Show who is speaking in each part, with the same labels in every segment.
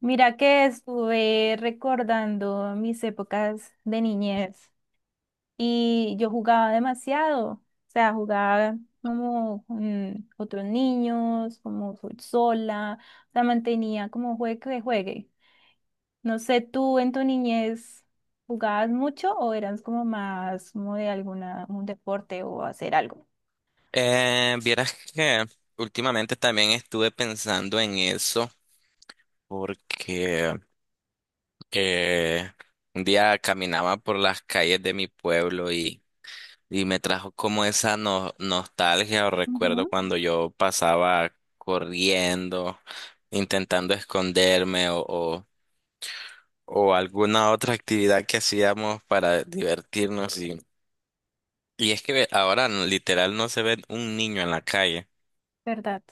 Speaker 1: Mira que estuve recordando mis épocas de niñez y yo jugaba demasiado, o sea, jugaba como con otros niños, como sola, o sea, mantenía como juegue que juegue. No sé, ¿tú en tu niñez jugabas mucho o eras como más como de alguna, un deporte o hacer algo?
Speaker 2: Vieras que últimamente también estuve pensando en eso porque eh, un día caminaba por las calles de mi pueblo y me trajo como esa nostalgia o recuerdo
Speaker 1: Ujú,
Speaker 2: cuando yo pasaba corriendo, intentando esconderme o alguna otra actividad que hacíamos para divertirnos, y es que ahora literal no se ve un niño en la calle.
Speaker 1: ¿verdad?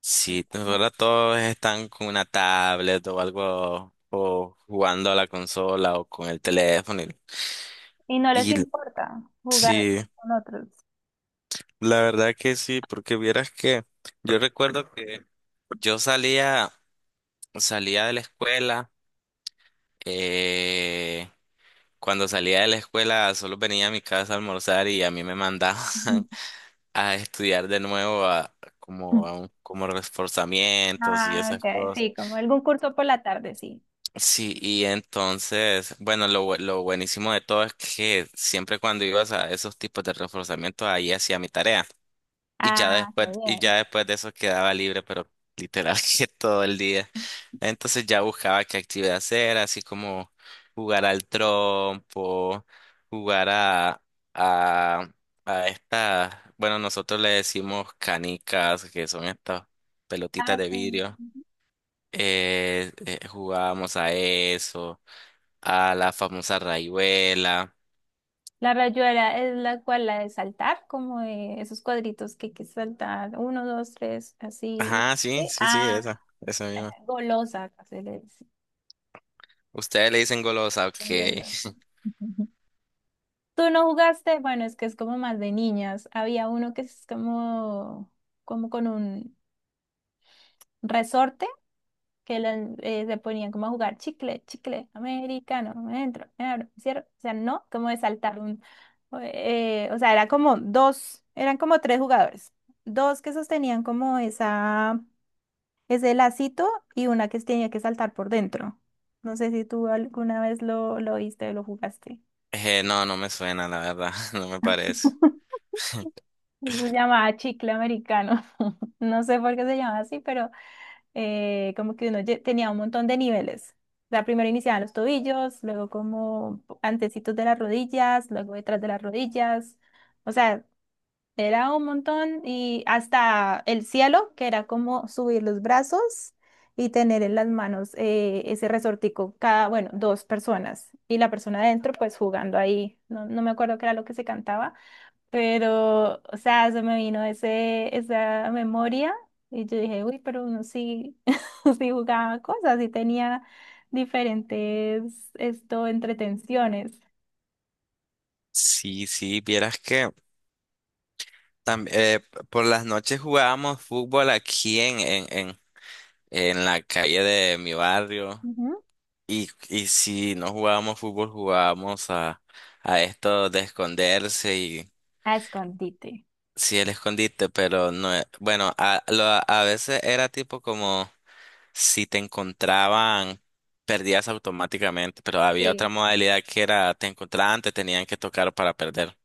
Speaker 2: Sí, ahora todos están con una tablet o algo, o jugando a la consola o con el teléfono.
Speaker 1: Y no les
Speaker 2: Y
Speaker 1: importa jugar
Speaker 2: sí,
Speaker 1: con otros.
Speaker 2: la verdad que sí, porque vieras que yo recuerdo que yo salía de la escuela, eh, cuando salía de la escuela solo venía a mi casa a almorzar y a mí me mandaban a estudiar de nuevo como a como reforzamientos y
Speaker 1: Ah,
Speaker 2: esas
Speaker 1: OK,
Speaker 2: cosas.
Speaker 1: sí, como algún curso por la tarde, sí.
Speaker 2: Sí, y entonces, bueno, lo buenísimo de todo es que siempre cuando ibas a esos tipos de reforzamiento, ahí hacía mi tarea.
Speaker 1: Ah, qué
Speaker 2: Y
Speaker 1: bien.
Speaker 2: ya después de eso quedaba libre, pero literal que todo el día. Entonces ya buscaba qué actividad hacer, así como jugar al trompo, jugar a, a esta, bueno, nosotros le decimos canicas, que son estas pelotitas
Speaker 1: Ah,
Speaker 2: de
Speaker 1: sí.
Speaker 2: vidrio.
Speaker 1: Ujú.
Speaker 2: Jugábamos a eso. A la famosa raihuela.
Speaker 1: La rayuela es la cual la de saltar, como de esos cuadritos que hay que saltar, uno, dos, tres, así.
Speaker 2: Ajá, sí,
Speaker 1: Sí.
Speaker 2: sí, sí,
Speaker 1: Ah,
Speaker 2: esa misma.
Speaker 1: golosa, se le dice,
Speaker 2: Ustedes le dicen golosa, ok.
Speaker 1: golosa. Ujú. ¿Tú no jugaste? Bueno, es que es como más de niñas. Había uno que es como con un resorte. Que las, se ponían como a jugar chicle, chicle, americano, me entro, me abro, me cierro, o sea, no, como de saltar un, o sea, era como dos, eran como tres jugadores, dos que sostenían como esa, ese lacito y una que tenía que saltar por dentro. No sé si tú alguna vez lo viste o lo jugaste.
Speaker 2: No, no me suena, la verdad, no me parece.
Speaker 1: Se llamaba chicle americano. No sé por qué se llama así, pero como que uno tenía un montón de niveles. O sea, primero iniciaban los tobillos, luego como antecitos de las rodillas, luego detrás de las rodillas. O sea, era un montón y hasta el cielo, que era como subir los brazos y tener en las manos ese resortico, cada, bueno, dos personas. Y la persona adentro, pues jugando ahí. No, no me acuerdo qué era lo que se cantaba, pero, o sea, se me vino esa memoria y yo dije, uy, pero uno sí, sí jugaba cosas, sí tenía diferentes, esto, entretenciones.
Speaker 2: Sí, sí, vieras que tam- eh, por las noches jugábamos fútbol aquí en la calle de mi barrio.
Speaker 1: Ujú.
Speaker 2: Y si no jugábamos fútbol, jugábamos a esto de esconderse y
Speaker 1: A escondite.
Speaker 2: sí, el escondite, pero no, bueno, a veces era tipo como. Si te encontraban, perdías automáticamente, pero había otra
Speaker 1: Sí.
Speaker 2: modalidad que era te encontraban, te tenían que tocar para perder.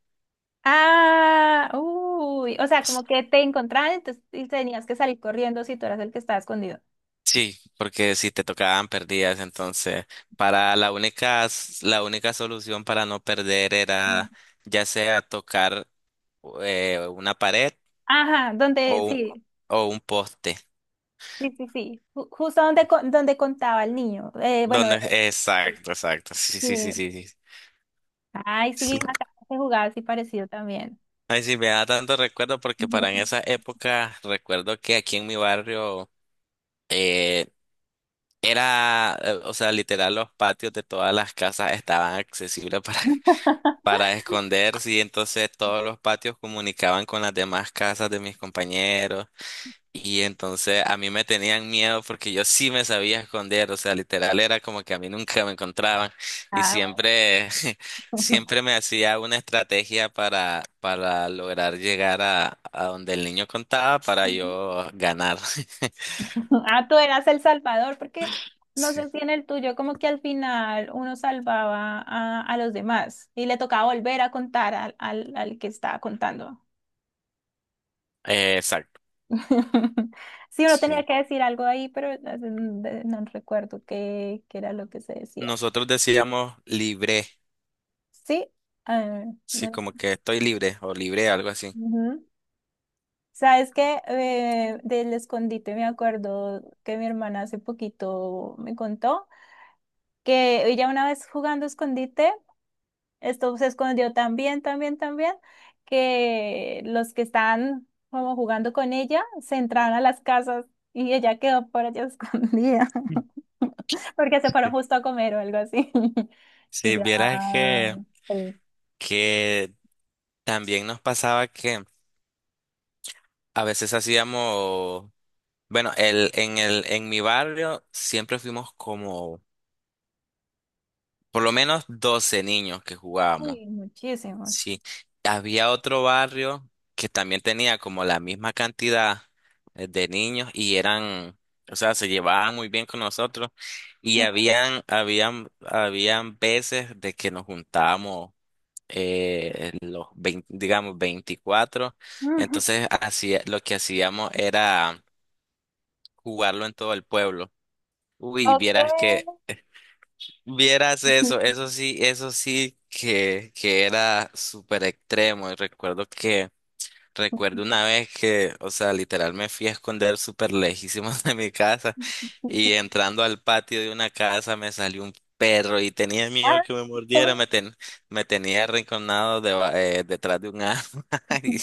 Speaker 1: Ah, uy, o sea, como que te encontraban, entonces, y tenías que salir corriendo si tú eras el que estaba escondido.
Speaker 2: Sí, porque si te tocaban, perdías. Entonces, para la única solución para no perder
Speaker 1: Mm.
Speaker 2: era ya sea tocar una pared
Speaker 1: Ajá, donde,
Speaker 2: o, un-
Speaker 1: sí,
Speaker 2: o un poste.
Speaker 1: sí, sí, sí, justo donde, donde contaba el niño. Bueno,
Speaker 2: Donde, exacto, exacto. Sí, sí, sí,
Speaker 1: sí.
Speaker 2: sí, sí.
Speaker 1: Ay,
Speaker 2: Sí.
Speaker 1: sí, acá se jugaba así parecido también.
Speaker 2: Ay, sí, me da tanto recuerdo porque para en esa época recuerdo que aquí en mi barrio, eh, era, o sea, literal, los patios de todas las casas estaban accesibles para, para esconderse, y entonces todos los patios comunicaban con las demás casas de mis compañeros y entonces a mí me tenían miedo porque yo sí me sabía esconder, o sea, literal era como que a mí nunca me encontraban y
Speaker 1: Ah,
Speaker 2: siempre,
Speaker 1: bueno.
Speaker 2: siempre me hacía una estrategia para lograr llegar a donde el niño contaba para yo ganar.
Speaker 1: Ah, tú eras el salvador, porque no
Speaker 2: Sí.
Speaker 1: sé si en el tuyo como que al final uno salvaba a los demás y le tocaba volver a contar al que estaba contando.
Speaker 2: Exacto.
Speaker 1: Sí, uno
Speaker 2: Sí.
Speaker 1: tenía que decir algo ahí, pero no sé, no recuerdo qué era lo que se decía.
Speaker 2: Nosotros decíamos libre,
Speaker 1: Sí. Ah,
Speaker 2: sí,
Speaker 1: no,
Speaker 2: como que estoy libre o libre, algo así.
Speaker 1: sabes que del escondite me acuerdo que mi hermana hace poquito me contó que ella una vez jugando escondite, esto se escondió tan bien, tan bien, tan bien, que los que estaban como jugando con ella se entraron a las casas y ella quedó por allá escondida porque se fueron
Speaker 2: Sí.
Speaker 1: justo a comer o algo así. Y
Speaker 2: Si
Speaker 1: ya,
Speaker 2: vieras
Speaker 1: pues,
Speaker 2: que también nos pasaba que a veces hacíamos, bueno, en mi barrio siempre fuimos como por lo menos 12 niños que jugábamos.
Speaker 1: uy, muchísimos.
Speaker 2: Sí, había otro barrio que también tenía como la misma cantidad, de niños y eran, o sea, se llevaban muy bien con nosotros y habían veces de que nos juntábamos, los 20, digamos 24,
Speaker 1: Ujú.
Speaker 2: entonces lo que hacíamos era jugarlo en todo el pueblo. Uy,
Speaker 1: OK.
Speaker 2: vieras eso, eso sí que, era súper extremo y recuerdo una vez que, o sea, literal me fui a esconder súper lejísimos de mi casa y entrando al patio de una casa me salió un perro y tenía
Speaker 1: Ah,
Speaker 2: miedo que me mordiera,
Speaker 1: no.
Speaker 2: me tenía arrinconado, detrás de un árbol. Y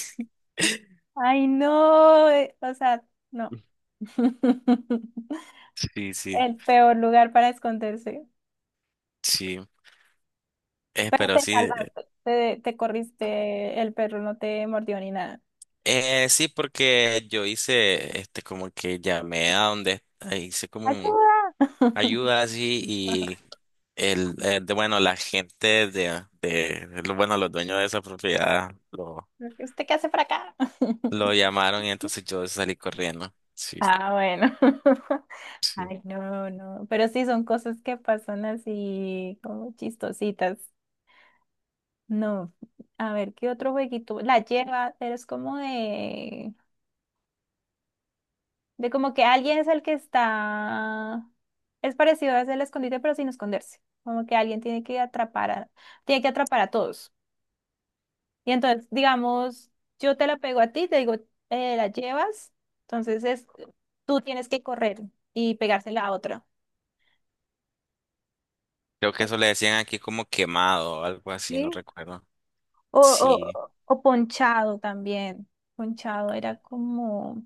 Speaker 1: Ay, no, o sea, no,
Speaker 2: sí, sí,
Speaker 1: el peor lugar para esconderse.
Speaker 2: sí.
Speaker 1: Pero
Speaker 2: Pero
Speaker 1: te
Speaker 2: sí,
Speaker 1: salvaste, te corriste, el perro no te mordió ni nada.
Speaker 2: sí, porque yo hice, este, como que llamé a donde, hice como un
Speaker 1: ¡Ayuda!
Speaker 2: ayuda así y el, bueno, la gente bueno, los dueños de esa propiedad
Speaker 1: ¿Usted qué hace por acá?
Speaker 2: lo llamaron y entonces yo salí corriendo. Sí,
Speaker 1: Ah, bueno.
Speaker 2: sí.
Speaker 1: Ay, no, no. Pero sí son cosas que pasan así como chistositas. No. A ver, ¿qué otro jueguito? La lleva, pero es como de. Como que alguien es el que está. Es parecido a el escondite, pero sin esconderse. Como que alguien tiene que atrapar a todos. Y entonces, digamos, yo te la pego a ti, te digo, la llevas. Entonces tú tienes que correr y pegársela a otra.
Speaker 2: Creo que eso le decían aquí como quemado o algo así, no
Speaker 1: Sí.
Speaker 2: recuerdo.
Speaker 1: O,
Speaker 2: Sí,
Speaker 1: o, o ponchado también. Ponchado era como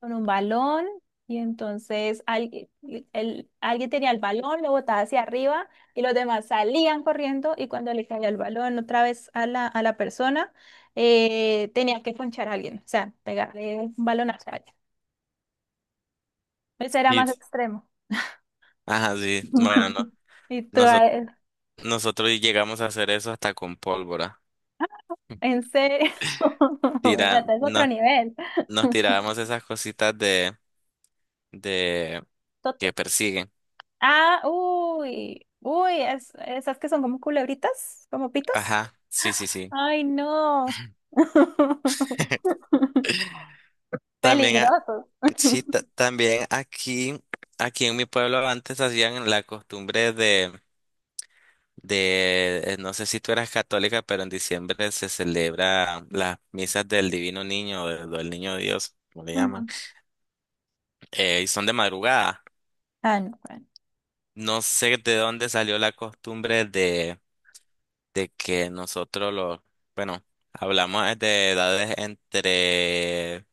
Speaker 1: con un balón y entonces alguien, alguien tenía el balón, lo botaba hacia arriba y los demás salían corriendo y cuando le caía el balón otra vez a la persona, tenía que ponchar a alguien, o sea, pegarle un balonazo a alguien. Ese era
Speaker 2: sí.
Speaker 1: más extremo.
Speaker 2: Ajá, sí. Bueno, no,
Speaker 1: Y tú,
Speaker 2: nosotros, nosotros llegamos a hacer eso hasta con pólvora.
Speaker 1: ¿en serio? Bueno,
Speaker 2: Tira,
Speaker 1: hasta es otro
Speaker 2: nos,
Speaker 1: nivel.
Speaker 2: nos tirábamos esas cositas de, de que persiguen.
Speaker 1: Ah, uy, uy, esas que son como culebritas, como pitos.
Speaker 2: Ajá, sí, sí, sí.
Speaker 1: Ay, no.
Speaker 2: También.
Speaker 1: Peligrosos.
Speaker 2: Sí, también aquí, en mi pueblo antes hacían la costumbre no sé si tú eras católica, pero en diciembre se celebra las misas del Divino Niño, o del Niño Dios, como le llaman,
Speaker 1: Ujú.
Speaker 2: y son de madrugada.
Speaker 1: Ah, no, bueno.
Speaker 2: No sé de dónde salió la costumbre de que nosotros bueno, hablamos es de edades entre,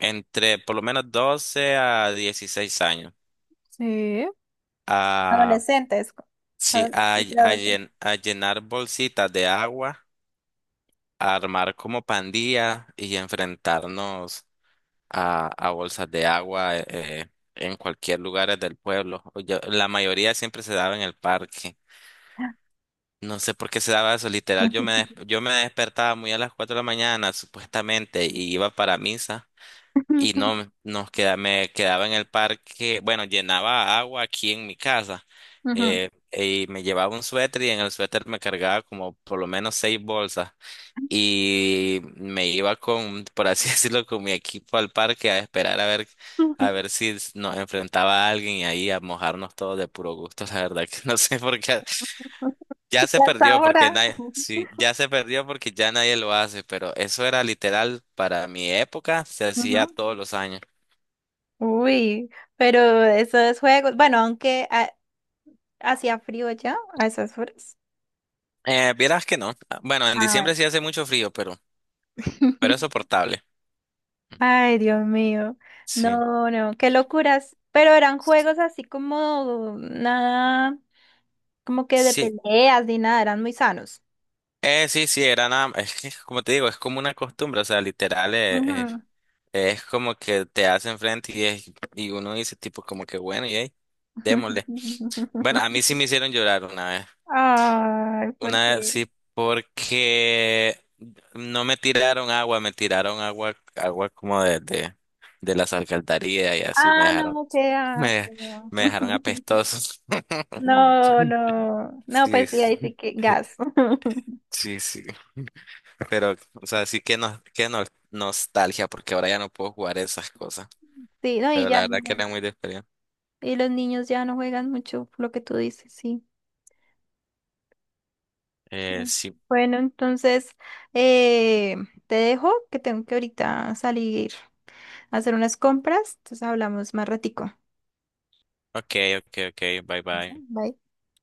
Speaker 2: entre por lo menos 12 a 16 años.
Speaker 1: Sí.
Speaker 2: Ah,
Speaker 1: Adolescentes. Co-
Speaker 2: sí,
Speaker 1: adol- y preadolescentes.
Speaker 2: a llenar bolsitas de agua, a armar como pandilla y enfrentarnos a bolsas de agua, en cualquier lugar del pueblo. La mayoría siempre se daba en el parque. No sé por qué se daba eso, literal. Yo me despertaba muy a las 4 de la mañana, supuestamente, y iba para misa. Y
Speaker 1: Ujú.
Speaker 2: no nos queda, Me quedaba en el parque, bueno, llenaba agua aquí en mi casa, y me llevaba un suéter y en el suéter me cargaba como por lo menos seis bolsas y me iba con, por así decirlo, con mi equipo al parque a esperar a ver si nos enfrentaba a alguien y ahí a mojarnos todos de puro gusto, la verdad que no sé por qué ya se
Speaker 1: Ya hasta
Speaker 2: perdió porque
Speaker 1: ahora.
Speaker 2: nadie, sí, ya se perdió porque ya nadie lo hace, pero eso era literal para mi época, se hacía
Speaker 1: Ujú.
Speaker 2: todos los años.
Speaker 1: Uy, pero esos juegos, bueno, aunque hacía frío ya a esas horas.
Speaker 2: Vieras que no. Ah, bueno, en
Speaker 1: Ah,
Speaker 2: diciembre
Speaker 1: bueno.
Speaker 2: sí hace mucho frío, pero, es soportable.
Speaker 1: Ay, Dios mío.
Speaker 2: Sí.
Speaker 1: No, no, qué locuras. Pero eran juegos así como nada, como que de
Speaker 2: Sí.
Speaker 1: peleas ni nada, eran muy sanos.
Speaker 2: Sí, sí, era nada. Es que, como te digo, es como una costumbre. O sea, literal,
Speaker 1: Ujú.
Speaker 2: es como que te hacen frente y uno dice, tipo, como que bueno, y ahí, démosle. Bueno, a mí sí me hicieron llorar una vez.
Speaker 1: Ay, ¿por
Speaker 2: Una vez
Speaker 1: qué?
Speaker 2: sí, porque no me tiraron agua, me tiraron agua, agua como de las alcantarillas y así me
Speaker 1: Ah,
Speaker 2: dejaron,
Speaker 1: no, qué
Speaker 2: me,
Speaker 1: asco.
Speaker 2: me dejaron apestoso.
Speaker 1: No, no, no, no,
Speaker 2: Sí,
Speaker 1: pues sí, ahí sí
Speaker 2: sí,
Speaker 1: que gas.
Speaker 2: sí, sí. Pero, o sea, sí que no, nostalgia, porque ahora ya no puedo jugar esas cosas.
Speaker 1: Sí, no, y
Speaker 2: Pero la
Speaker 1: ya no.
Speaker 2: verdad que era muy de experiencia.
Speaker 1: Y los niños ya no juegan mucho, lo que tú dices, sí. Mm.
Speaker 2: Sí.
Speaker 1: Bueno, entonces eh, te dejo que tengo que ahorita salir a hacer unas compras, entonces hablamos más ratico.
Speaker 2: Ok, ok, ok, bye bye.
Speaker 1: Bye.